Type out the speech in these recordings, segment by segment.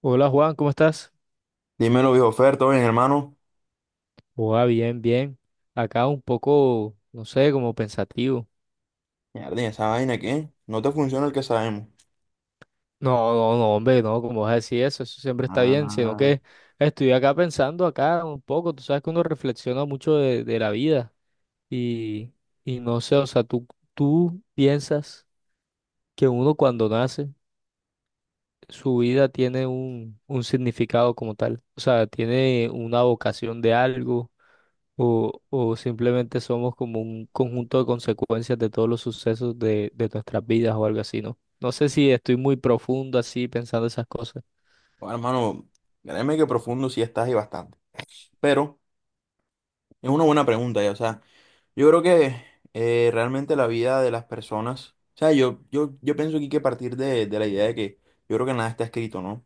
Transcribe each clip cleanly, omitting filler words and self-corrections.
Hola Juan, ¿cómo estás? Dímelo, viejo Fer, ¿todo bien, hermano? Hola, bien, bien. Acá un poco, no sé, como pensativo. Mierda, ¿y esa vaina qué? No te funciona el que sabemos. No, no, no, hombre, no, como vas a decir eso? Eso siempre está bien, sino Ah, que estoy acá pensando acá un poco. Tú sabes que uno reflexiona mucho de la vida y, y no sé, o sea, tú piensas que uno cuando nace, su vida tiene un significado como tal. O sea, tiene una vocación de algo. O simplemente somos como un conjunto de consecuencias de todos los sucesos de nuestras vidas o algo así, ¿no? No sé si estoy muy profundo así pensando esas cosas. bueno, hermano, créeme que profundo sí estás y bastante. Pero es una buena pregunta, ya. O sea, yo creo que realmente la vida de las personas. O sea, yo pienso aquí que partir de la idea de que yo creo que nada está escrito, ¿no?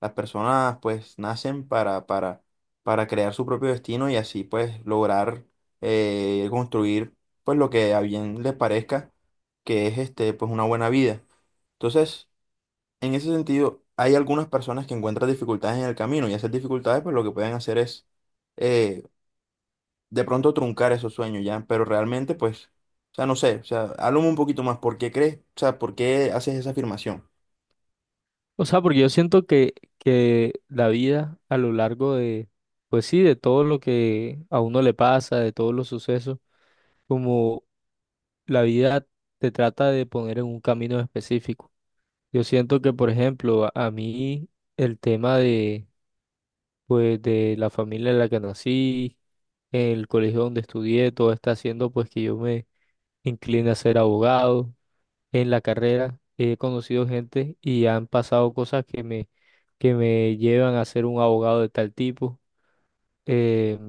Las personas pues nacen para crear su propio destino y así pues lograr construir pues lo que a bien les parezca que es este pues una buena vida. Entonces, en ese sentido, hay algunas personas que encuentran dificultades en el camino y esas dificultades pues lo que pueden hacer es eh, de pronto truncar esos sueños ya, pero realmente pues, o sea, no sé, o sea, háblame un poquito más, ¿por qué crees? O sea, ¿por qué haces esa afirmación? O sea, porque yo siento que la vida a lo largo de, pues sí, de todo lo que a uno le pasa, de todos los sucesos, como la vida te trata de poner en un camino específico. Yo siento que, por ejemplo, a mí el tema de, pues, de la familia en la que nací, el colegio donde estudié, todo está haciendo pues que yo me incline a ser abogado. En la carrera he conocido gente y han pasado cosas que me llevan a ser un abogado de tal tipo. Eh,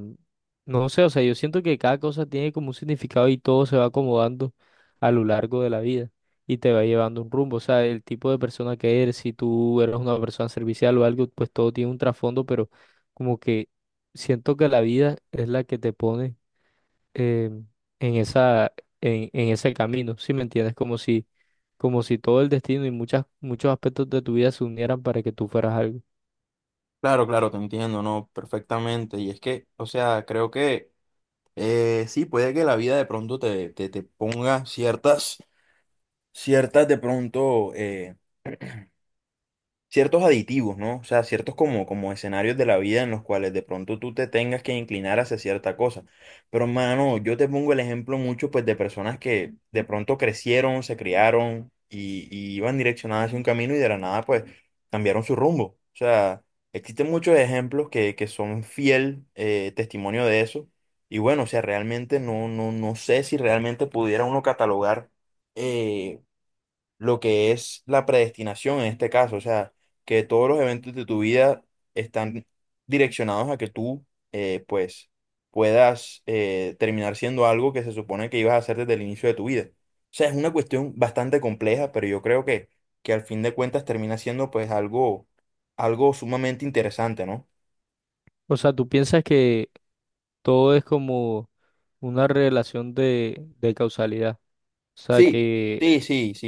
no sé, o sea, yo siento que cada cosa tiene como un significado y todo se va acomodando a lo largo de la vida y te va llevando un rumbo, o sea, el tipo de persona que eres, si tú eres una persona servicial o algo, pues todo tiene un trasfondo, pero como que siento que la vida es la que te pone eh, en esa, en ese camino, ¿si me entiendes? Como si todo el destino y muchas, muchos aspectos de tu vida se unieran para que tú fueras algo. Claro, claro, te entiendo, ¿no? Perfectamente. Y es que, o sea, creo que sí, puede que la vida de pronto te ponga ciertas, ciertas de pronto ciertos aditivos, ¿no? O sea, ciertos como, como escenarios de la vida en los cuales de pronto tú te tengas que inclinar hacia cierta cosa. Pero, mano, yo te pongo el ejemplo mucho, pues, de personas que de pronto crecieron, se criaron y iban direccionadas hacia un camino y de la nada, pues, cambiaron su rumbo. O sea, existen muchos ejemplos que son fiel testimonio de eso. Y bueno, o sea, realmente no sé si realmente pudiera uno catalogar eh, lo que es la predestinación en este caso, o sea, que todos los eventos de tu vida están direccionados a que tú, pues, puedas terminar siendo algo que se supone que ibas a hacer desde el inicio de tu vida. O sea, es una cuestión bastante compleja, pero yo creo que al fin de cuentas termina siendo, pues, algo, algo sumamente interesante, ¿no? O sea, ¿tú piensas que todo es como una relación de causalidad? O sea Sí, que... sí, sí, sí.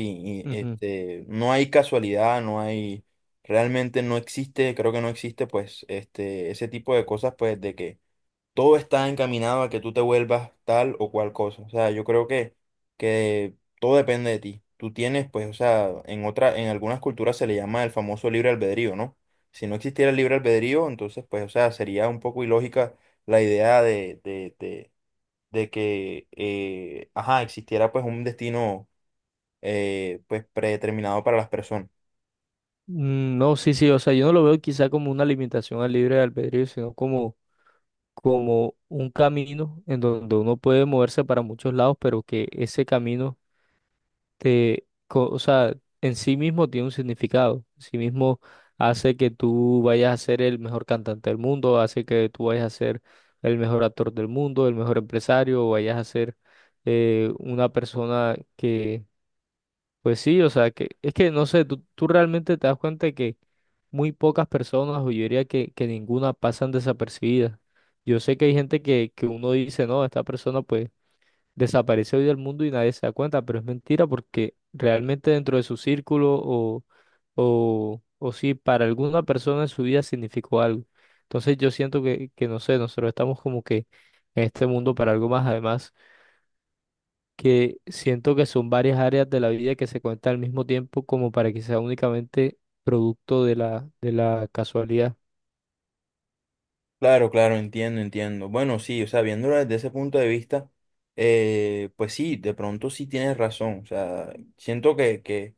Ujú. Este, no hay casualidad, no hay, realmente no existe, creo que no existe, pues, este, ese tipo de cosas, pues, de que todo está encaminado a que tú te vuelvas tal o cual cosa. O sea, yo creo que todo depende de ti. Tú tienes, pues, o sea, en otra, en algunas culturas se le llama el famoso libre albedrío, ¿no? Si no existiera el libre albedrío, entonces, pues, o sea, sería un poco ilógica la idea de que, ajá, existiera, pues, un destino pues predeterminado para las personas. Mm, no, sí, sí, o sea, yo no lo veo quizá como una limitación al libre albedrío, sino como, como un camino en donde uno puede moverse para muchos lados, pero que ese camino o sea, en sí mismo tiene un significado. En sí mismo hace que tú vayas a ser el mejor cantante del mundo, hace que tú vayas a ser el mejor actor del mundo, el mejor empresario, o vayas a ser una persona. Pues sí, o sea, que es que no sé, tú realmente te das cuenta de que muy pocas personas, o yo diría que ninguna, pasan desapercibidas. Yo sé que hay gente que uno dice, no, esta persona pues desaparece hoy del mundo y nadie se da cuenta, pero es mentira porque realmente dentro de su círculo o si para alguna persona en su vida significó algo. Entonces yo siento que no sé, nosotros estamos como que en este mundo para algo más, además que siento que son varias áreas de la vida que se cuentan al mismo tiempo como para que sea únicamente producto de la casualidad. Claro, claro, entiendo, entiendo. Bueno, sí, o sea, viéndolo desde ese punto de vista, pues sí, de pronto sí tienes razón. O sea, siento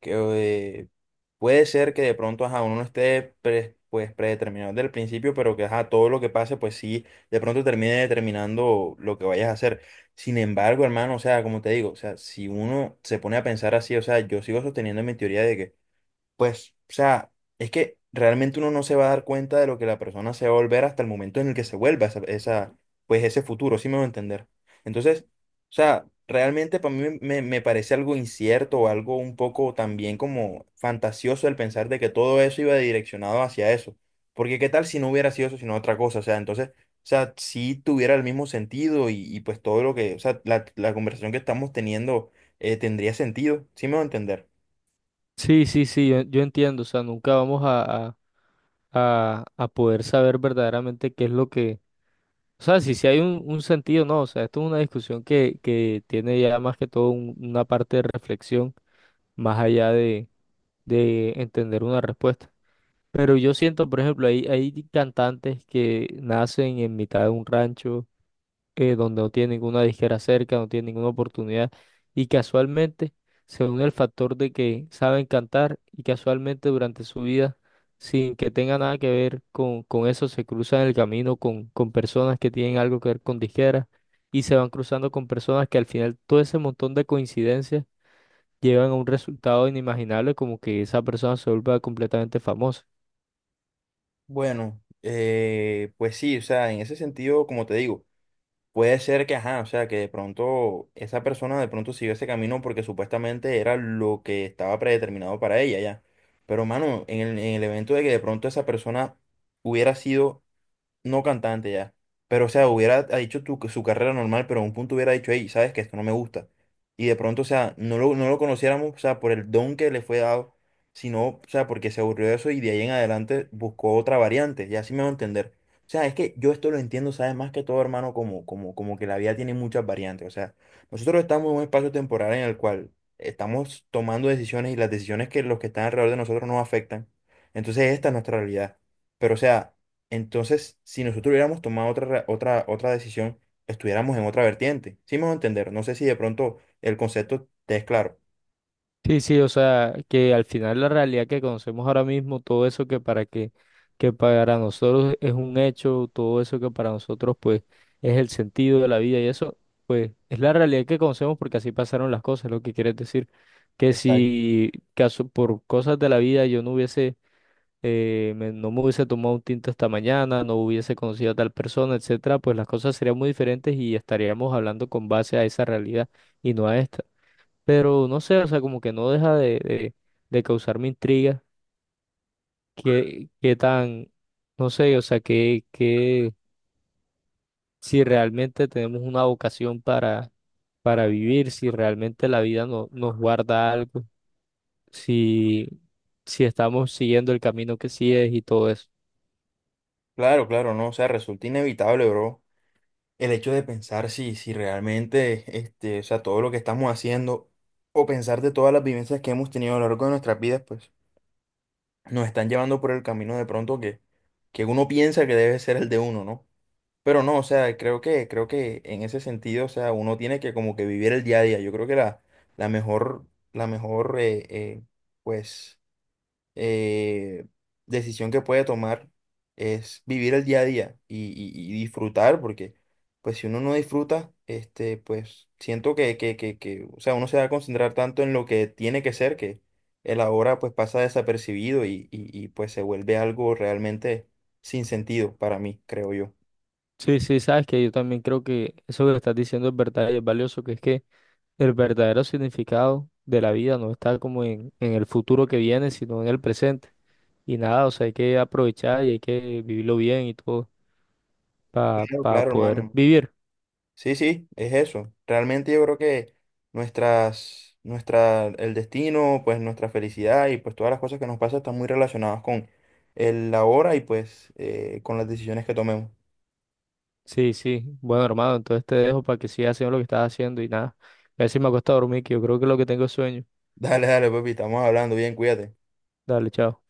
que puede ser que de pronto ajá, uno no esté pre- pues, predeterminado desde el principio, pero que ajá, todo lo que pase, pues sí, de pronto termine determinando lo que vayas a hacer. Sin embargo, hermano, o sea, como te digo, o sea, si uno se pone a pensar así, o sea, yo sigo sosteniendo mi teoría de que pues, o sea, es que realmente uno no se va a dar cuenta de lo que la persona se va a volver hasta el momento en el que se vuelva esa, esa- pues ese futuro, ¿sí me voy a entender? Entonces, o sea, realmente para mí me, me parece algo incierto o algo un poco también como fantasioso el pensar de que todo eso iba direccionado hacia eso. Porque qué tal si no hubiera sido eso, sino otra cosa, o sea, entonces, o sea, si tuviera el mismo sentido y pues todo lo que, o sea, la conversación que estamos teniendo tendría sentido, ¿sí me voy a entender? Sí, sí, sí, yo entiendo, o sea, nunca vamos a poder saber verdaderamente qué es lo que, o sea, si, si hay un sentido, no, o sea, esto es una discusión que tiene ya más que todo un- una parte de reflexión, más allá de entender una respuesta. Pero yo siento, por ejemplo, hay cantantes que nacen en mitad de un rancho donde no tiene ninguna disquera cerca, no tiene ninguna oportunidad. Y casualmente se une el factor de que saben cantar y casualmente durante su vida, sin que tenga nada que ver con eso, se cruzan en el camino con personas que tienen algo que ver con disqueras y se van cruzando con personas que al final todo ese montón de coincidencias llevan a un resultado inimaginable como que esa persona se vuelva completamente famosa. Bueno, pues sí, o sea, en ese sentido, como te digo, puede ser que, ajá, o sea, que de pronto esa persona de pronto siguió ese camino porque supuestamente era lo que estaba predeterminado para ella, ya. Pero, mano, en el evento de que de pronto esa persona hubiera sido no cantante ya. Pero, o sea, hubiera ha dicho tu- su carrera normal, pero a un punto hubiera dicho, hey, sabes que esto no me gusta. Y de pronto, o sea, no lo conociéramos, o sea, por el don que le fue dado, sino, o sea, porque se aburrió de eso y de ahí en adelante buscó otra variante, y así me va a entender. O sea, es que yo esto lo entiendo, sabes, más que todo, hermano, como que la vida tiene muchas variantes. O sea, nosotros estamos en un espacio temporal en el cual estamos tomando decisiones y las decisiones que los que están alrededor de nosotros nos afectan. Entonces, esta es nuestra realidad. Pero, o sea, entonces, si nosotros hubiéramos tomado otra, ra- otra decisión, estuviéramos en otra vertiente. Sí me voy a entender. No sé si de pronto el concepto te es claro. Sí, sí, o sea, que al final la realidad que conocemos ahora mismo, todo eso que para que, que para nosotros es un hecho, todo eso que para nosotros pues es el sentido de la vida y eso, pues es la realidad que conocemos porque así pasaron las cosas, lo que quieres decir, que Exacto. si caso, por cosas de la vida yo no hubiese, no me hubiese tomado un tinto esta mañana, no hubiese conocido a tal persona, etcétera, pues las cosas serían muy diferentes y estaríamos hablando con base a esa realidad y no a esta. Pero no sé, o sea, como que no deja de causarme intriga qué, qué tan, no sé, o sea, que si realmente tenemos una vocación para vivir, si realmente la vida no, nos guarda algo, si, si estamos siguiendo el camino que sí es y todo eso. Claro, claro, no. O sea, resulta inevitable, bro, el hecho de pensar si realmente, este, o sea, todo lo que estamos haciendo o pensar de todas las vivencias que hemos tenido a lo largo de nuestras vidas, pues nos están llevando por el camino de pronto que uno piensa que debe ser el de uno, ¿no? Pero no, o sea, creo que en ese sentido, o sea, uno tiene que como que vivir el día a día. Yo creo que la, la mejor, la mejor, pues, eh, decisión que puede tomar es vivir el día a día y disfrutar, porque, pues, si uno no disfruta, este, pues, siento que, o sea, uno se va a concentrar tanto en lo que tiene que ser que el ahora, pues, pasa desapercibido y pues, se vuelve algo realmente sin sentido para mí, creo yo. Sí, sí, sabes que yo también creo que eso que estás diciendo es verdad y es valioso, que es que el verdadero significado de la vida no está como en el futuro que viene, sino en el presente. Y nada, o sea, hay que aprovechar y hay que vivirlo bien y todo Claro, para claro, poder hermano. vivir. Sí, sí, es eso. Realmente yo creo que el destino, pues nuestra felicidad y pues todas las cosas que nos pasan están muy relacionadas con el ahora y pues con las decisiones que tomemos. Sí, sí. Bueno, hermano, entonces te dejo para que sigas haciendo lo que estás haciendo y nada. A ver si me acuesto a dormir, que yo creo que es lo que tengo es sueño. Dale, dale, papi, estamos hablando bien, cuídate. Dale, chao.